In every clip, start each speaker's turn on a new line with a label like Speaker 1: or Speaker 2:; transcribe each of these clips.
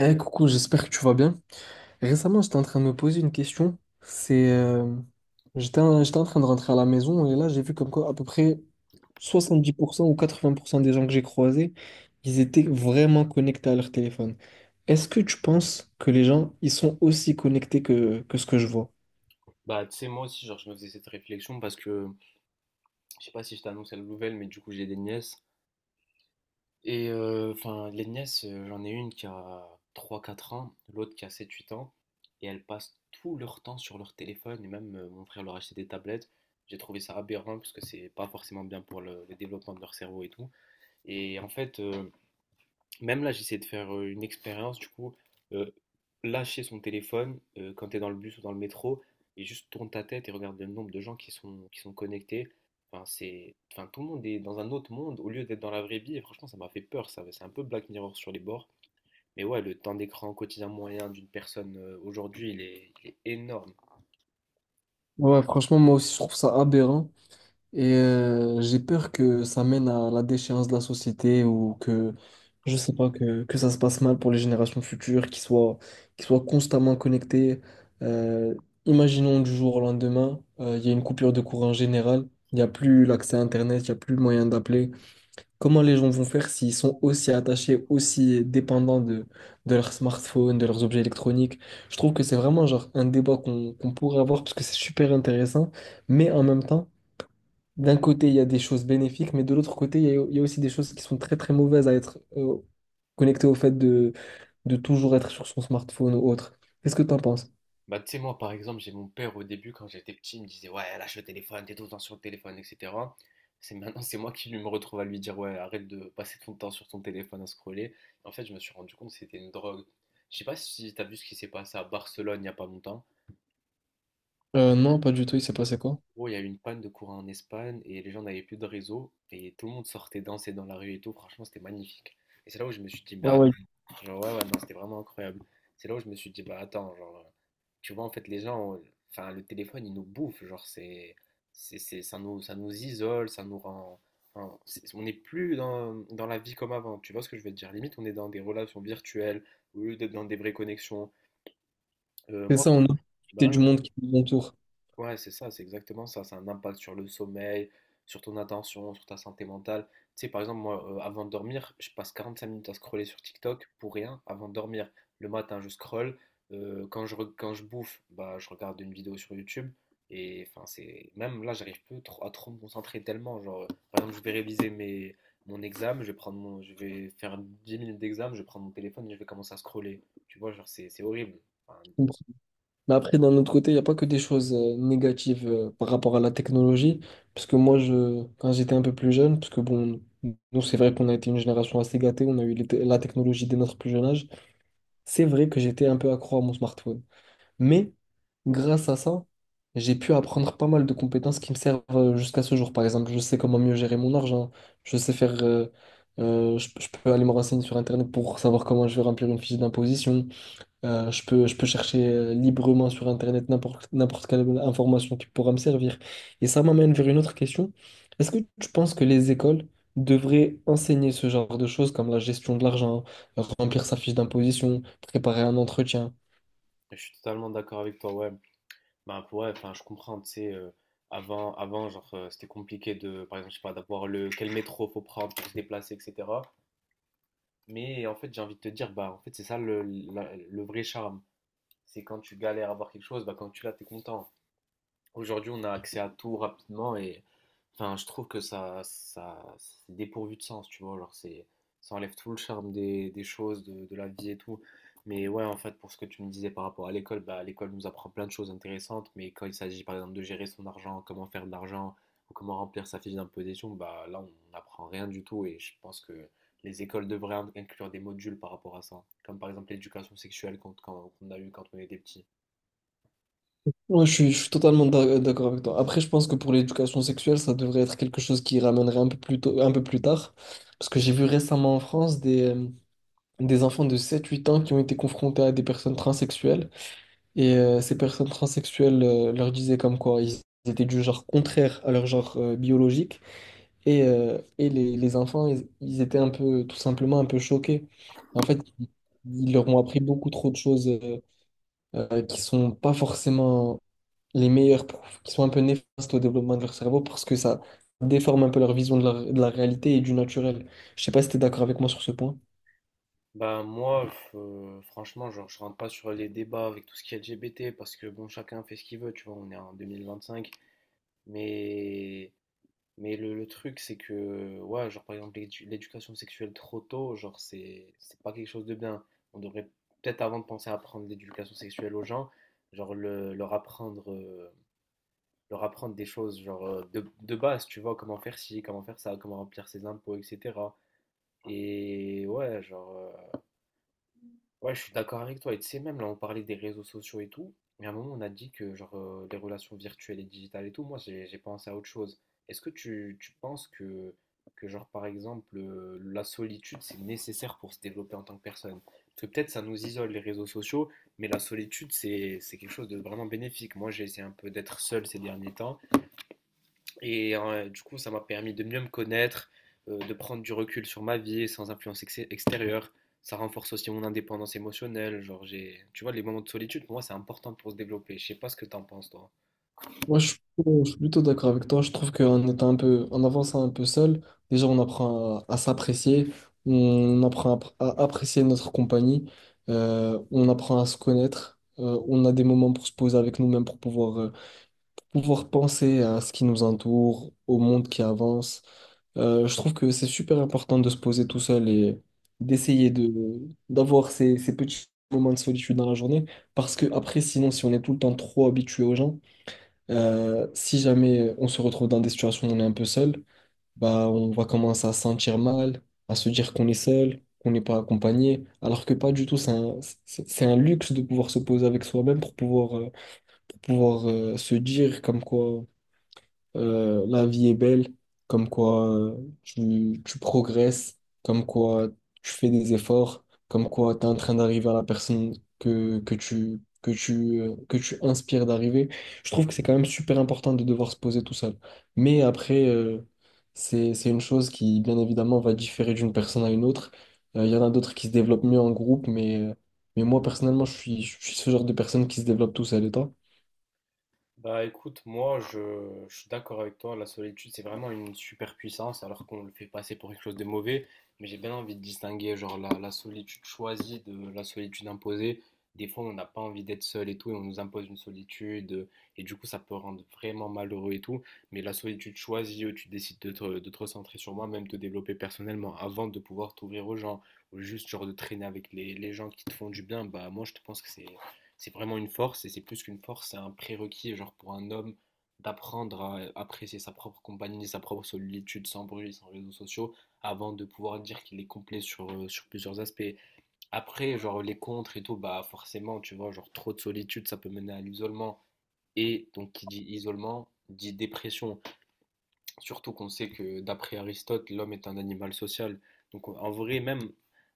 Speaker 1: Eh coucou, j'espère que tu vas bien. Récemment, j'étais en train de me poser une question. J'étais j'étais en train de rentrer à la maison et là, j'ai vu comme quoi à peu près 70% ou 80% des gens que j'ai croisés, ils étaient vraiment connectés à leur téléphone. Est-ce que tu penses que les gens, ils sont aussi connectés que ce que je vois?
Speaker 2: Tu sais, moi aussi, genre, je me faisais cette réflexion parce que je sais pas si je t'annonce la nouvelle, mais du coup, j'ai des nièces. Les nièces, j'en ai une qui a 3 4 ans, l'autre qui a 7 8 ans, et elles passent tout leur temps sur leur téléphone, et même mon frère leur a acheté des tablettes. J'ai trouvé ça aberrant parce que c'est pas forcément bien pour le développement de leur cerveau et tout. Et en fait, euh, Même là, j'essaie de faire une expérience, du coup, euh, lâcher son téléphone quand tu es dans le bus ou dans le métro et juste tourne ta tête et regarde le nombre de gens qui sont connectés. Enfin, tout le monde est dans un autre monde au lieu d'être dans la vraie vie. Et franchement, ça m'a fait peur, ça. C'est un peu Black Mirror sur les bords. Mais ouais, le temps d'écran quotidien moyen d'une personne aujourd'hui, il est énorme.
Speaker 1: Ouais, franchement, moi aussi, je trouve ça aberrant. J'ai peur que ça mène à la déchéance de la société je sais pas, que ça se passe mal pour les générations futures, qui soient constamment connectées. Euh, Imaginons du jour au lendemain, il y a une coupure de courant générale, il n'y a plus l'accès à Internet, il n'y a plus le moyen d'appeler. Comment les gens vont faire s'ils sont aussi attachés, aussi dépendants de leur smartphone, de leurs objets électroniques? Je trouve que c'est vraiment genre un débat qu'on pourrait avoir parce que c'est super intéressant, mais en même temps, d'un côté, il y a des choses bénéfiques, mais de l'autre côté, il y a aussi des choses qui sont très très mauvaises à être connectées au fait de toujours être sur son smartphone ou autre. Qu'est-ce que t'en penses?
Speaker 2: Bah, tu sais, moi, par exemple, j'ai mon père au début, quand j'étais petit, il me disait, ouais, lâche le téléphone, t'es tout le temps sur le téléphone, etc. C'est maintenant, c'est moi qui lui me retrouve à lui dire, ouais, arrête de passer ton temps sur ton téléphone à scroller. En fait, je me suis rendu compte que c'était une drogue. Je sais pas si t'as vu ce qui s'est passé à Barcelone il y a pas longtemps.
Speaker 1: Non, pas du tout, il s'est passé quoi?
Speaker 2: Oh, il y a eu une panne de courant en Espagne et les gens n'avaient plus de réseau et tout le monde sortait danser dans la rue et tout. Franchement, c'était magnifique. Et c'est là où je me suis dit,
Speaker 1: Ah
Speaker 2: bah,
Speaker 1: ouais.
Speaker 2: genre, ouais, ouais, non, c'était vraiment incroyable. C'est là où je me suis dit, bah attends, genre, tu vois, en fait, les gens, enfin, le téléphone, il nous bouffe, ça nous isole, ça nous rend, enfin, c'est- on n'est plus dans la vie comme avant, tu vois ce que je veux te dire? Limite, on est dans des relations virtuelles, au lieu d'être dans des vraies connexions. Euh,
Speaker 1: C'est
Speaker 2: moi,
Speaker 1: ça, on a profité
Speaker 2: bah,
Speaker 1: du monde qui nous entoure.
Speaker 2: Ouais, c'est ça, c'est exactement ça. Ça a un impact sur le sommeil, sur ton attention, sur ta santé mentale. Tu sais, par exemple, moi, avant de dormir, je passe 45 minutes à scroller sur TikTok pour rien avant de dormir. Le matin, je scrolle. Quand je bouffe, bah, je regarde une vidéo sur YouTube. C'est même là, à trop me concentrer tellement. Genre, par exemple, je vais réviser mes, mon examen, je vais faire 10 minutes d'examen, je vais prendre mon téléphone et je vais commencer à scroller. Tu vois, genre, c'est horrible. Enfin,
Speaker 1: Mais après, d'un autre côté, il n'y a pas que des choses négatives par rapport à la technologie. Parce que quand j'étais un peu plus jeune, parce que bon, nous, c'est vrai qu'on a été une génération assez gâtée, on a eu la technologie dès notre plus jeune âge, c'est vrai que j'étais un peu accro à mon smartphone. Mais grâce à ça, j'ai pu apprendre pas mal de compétences qui me servent jusqu'à ce jour. Par exemple, je sais comment mieux gérer mon argent. Je sais faire. Je, Je peux aller me renseigner sur Internet pour savoir comment je vais remplir une fiche d'imposition. Je peux chercher librement sur Internet n'importe quelle information qui pourra me servir. Et ça m'amène vers une autre question. Est-ce que tu penses que les écoles devraient enseigner ce genre de choses comme la gestion de l'argent, remplir sa fiche d'imposition, préparer un entretien?
Speaker 2: je suis totalement d'accord avec toi, ouais. Bah, ouais, enfin, je comprends, tu sais, avant, c'était compliqué par exemple, je sais pas, quel métro faut prendre pour se déplacer, etc. Mais en fait, j'ai envie de te dire, bah, en fait, c'est ça le vrai charme. C'est quand tu galères à avoir quelque chose, bah, quand tu l'as, t'es content. Aujourd'hui, on a accès à tout rapidement et enfin, je trouve que ça c'est dépourvu de sens, tu vois. Alors, c'est, ça enlève tout le charme des choses, de la vie et tout. Mais ouais, en fait, pour ce que tu me disais par rapport à l'école, bah, l'école nous apprend plein de choses intéressantes, mais quand il s'agit par exemple de gérer son argent, comment faire de l'argent ou comment remplir sa fiche d'imposition, bah là, on n'apprend rien du tout et je pense que les écoles devraient inclure des modules par rapport à ça, comme par exemple l'éducation sexuelle qu'on a eu quand on était petit.
Speaker 1: Je suis totalement d'accord avec toi. Après, je pense que pour l'éducation sexuelle, ça devrait être quelque chose qui ramènerait un peu plus tard. Parce que j'ai vu récemment en France des enfants de 7 8 ans qui ont été confrontés à des personnes transsexuelles. Ces personnes transsexuelles leur disaient comme quoi ils étaient du genre contraire à leur genre biologique. Et les enfants, ils étaient tout simplement un peu choqués. En fait, ils leur ont appris beaucoup trop de choses qui sont pas forcément les meilleurs profs qui sont un peu néfastes au développement de leur cerveau parce que ça déforme un peu leur vision de de la réalité et du naturel. Je sais pas si tu es d'accord avec moi sur ce point.
Speaker 2: Bah moi, franchement, genre, je rentre pas sur les débats avec tout ce qui est LGBT parce que bon, chacun fait ce qu'il veut, tu vois, on est en 2025. Mais, mais le truc, c'est que, ouais, genre par exemple, l'éducation sexuelle trop tôt, genre, c'est pas quelque chose de bien. On devrait peut-être avant de penser à apprendre l'éducation sexuelle aux gens, genre le- leur apprendre, euh, leur apprendre des choses, genre de base, tu vois, comment faire ci, comment faire ça, comment remplir ses impôts, etc. Et ouais, genre. Ouais, je suis d'accord avec toi. Et tu sais, même là, on parlait des réseaux sociaux et tout. Mais à un moment, on a dit que genre les relations virtuelles et digitales et tout, moi, j'ai pensé à autre chose. Tu penses que, genre, par exemple, la solitude, c'est nécessaire pour se développer en tant que personne? Parce que peut-être ça nous isole, les réseaux sociaux, mais la solitude, c'est quelque chose de vraiment bénéfique. Moi, j'ai essayé un peu d'être seul ces derniers temps. Du coup, ça m'a permis de mieux me connaître, de prendre du recul sur ma vie sans influence extérieure. Ça renforce aussi mon indépendance émotionnelle. Tu vois, les moments de solitude, pour moi, c'est important pour se développer. Je sais pas ce que t'en penses, toi.
Speaker 1: Moi, je suis plutôt Je suis plutôt d'accord avec toi. Je trouve qu'en étant un peu, en avançant un peu seul, déjà, on apprend à s'apprécier, on apprend à apprécier notre compagnie, on apprend à se connaître, on a des moments pour se poser avec nous-mêmes pour pouvoir pouvoir penser à ce qui nous entoure, au monde qui avance. Je trouve que c'est super important de se poser tout seul et d'essayer de d'avoir ces petits moments de solitude dans la journée parce que après sinon si on est tout le temps trop habitué aux gens si jamais on se retrouve dans des situations où on est un peu seul bah on va commencer à se sentir mal à se dire qu'on est seul qu'on n'est pas accompagné alors que pas du tout c'est un luxe de pouvoir se poser avec soi-même pour pouvoir se dire comme quoi la vie est belle, comme quoi tu progresses, comme quoi tu fais des efforts, comme quoi tu es en train d'arriver à la personne que tu inspires d'arriver. Je trouve que c'est quand même super important de devoir se poser tout seul. Mais c'est une chose qui, bien évidemment, va différer d'une personne à une autre. Il y en a d'autres qui se développent mieux en groupe, mais moi, personnellement, je suis ce genre de personne qui se développe tout seul. Et toi?
Speaker 2: Bah écoute, moi, je suis d'accord avec toi, la solitude c'est vraiment une super puissance alors qu'on le fait passer pour quelque chose de mauvais, mais j'ai bien envie de distinguer genre la solitude choisie de la solitude imposée. Des fois on n'a pas envie d'être seul et tout et on nous impose une solitude et du coup ça peut rendre vraiment malheureux et tout, mais la solitude choisie où tu décides de te recentrer sur moi, même te développer personnellement avant de pouvoir t'ouvrir aux gens ou juste genre de traîner avec les gens qui te font du bien, bah moi je te pense que c'est vraiment une force et c'est plus qu'une force, c'est un prérequis genre pour un homme d'apprendre à apprécier sa propre compagnie, sa propre solitude sans bruit, sans réseaux sociaux, avant de pouvoir dire qu'il est complet sur, sur plusieurs aspects. Après, genre les contres et tout, bah forcément, tu vois, genre trop de solitude, ça peut mener à l'isolement. Et donc qui dit isolement, dit dépression. Surtout qu'on sait que d'après Aristote, l'homme est un animal social. Donc en vrai, même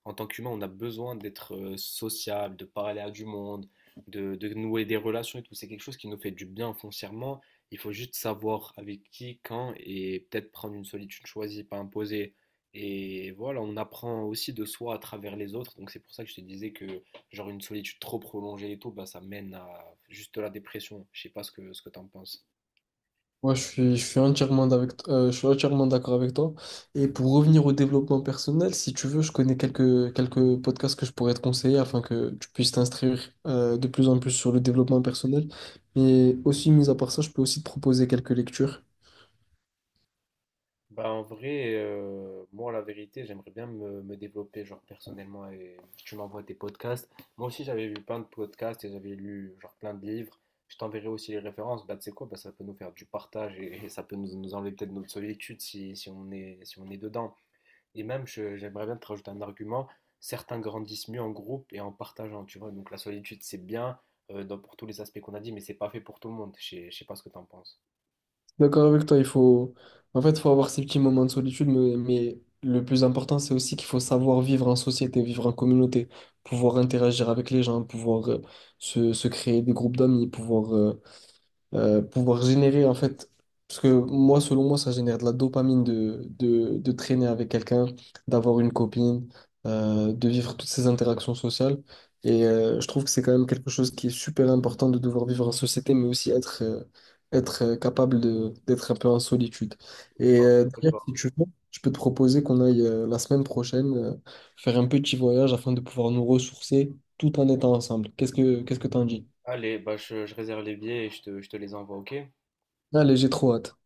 Speaker 2: en tant qu'humain, on a besoin d'être sociable, de parler à du monde, de nouer des relations et tout. C'est quelque chose qui nous fait du bien foncièrement. Il faut juste savoir avec qui, quand et peut-être prendre une solitude choisie, pas imposée. Et voilà, on apprend aussi de soi à travers les autres. Donc c'est pour ça que je te disais que genre une solitude trop prolongée et tout, bah, ça mène à juste de la dépression. Je sais pas ce ce que tu en penses.
Speaker 1: Moi, je suis entièrement d'avec, Je suis entièrement d'accord avec toi. Et pour revenir au développement personnel, si tu veux, je connais quelques podcasts que je pourrais te conseiller afin que tu puisses t'instruire de plus en plus sur le développement personnel. Mais aussi, mis à part ça, je peux aussi te proposer quelques lectures.
Speaker 2: Bah en vrai, moi la vérité, j'aimerais bien me développer genre personnellement et tu m'envoies tes podcasts. Moi aussi j'avais vu plein de podcasts et j'avais lu genre plein de livres. Je t'enverrai aussi les références. Bah tu sais quoi, bah, ça peut nous faire du partage et ça peut nous enlever peut-être notre solitude si on est, si on est dedans. Et même j'aimerais bien te rajouter un argument. Certains grandissent mieux en groupe et en partageant, tu vois. Donc la solitude c'est bien pour tous les aspects qu'on a dit, mais c'est pas fait pour tout le monde. Je sais pas ce que t'en penses.
Speaker 1: D'accord avec toi, en fait, faut avoir ces petits moments de solitude, mais le plus important, c'est aussi qu'il faut savoir vivre en société, vivre en communauté, pouvoir interagir avec les gens, pouvoir se créer des groupes d'amis, pouvoir générer en fait, parce que moi, selon moi, ça génère de la dopamine de traîner avec quelqu'un, d'avoir une copine, de vivre toutes ces interactions sociales. Je trouve que c'est quand même quelque chose qui est super important de devoir vivre en société, mais aussi être capable d'être un peu en solitude.
Speaker 2: Et ben,
Speaker 1: D'ailleurs, si tu veux, je peux te proposer qu'on aille la semaine prochaine faire un petit voyage afin de pouvoir nous ressourcer tout en étant ensemble. Qu'est-ce que t'en dis?
Speaker 2: allez, bah je réserve les billets et je te les envoie, ok?
Speaker 1: Allez, j'ai trop hâte.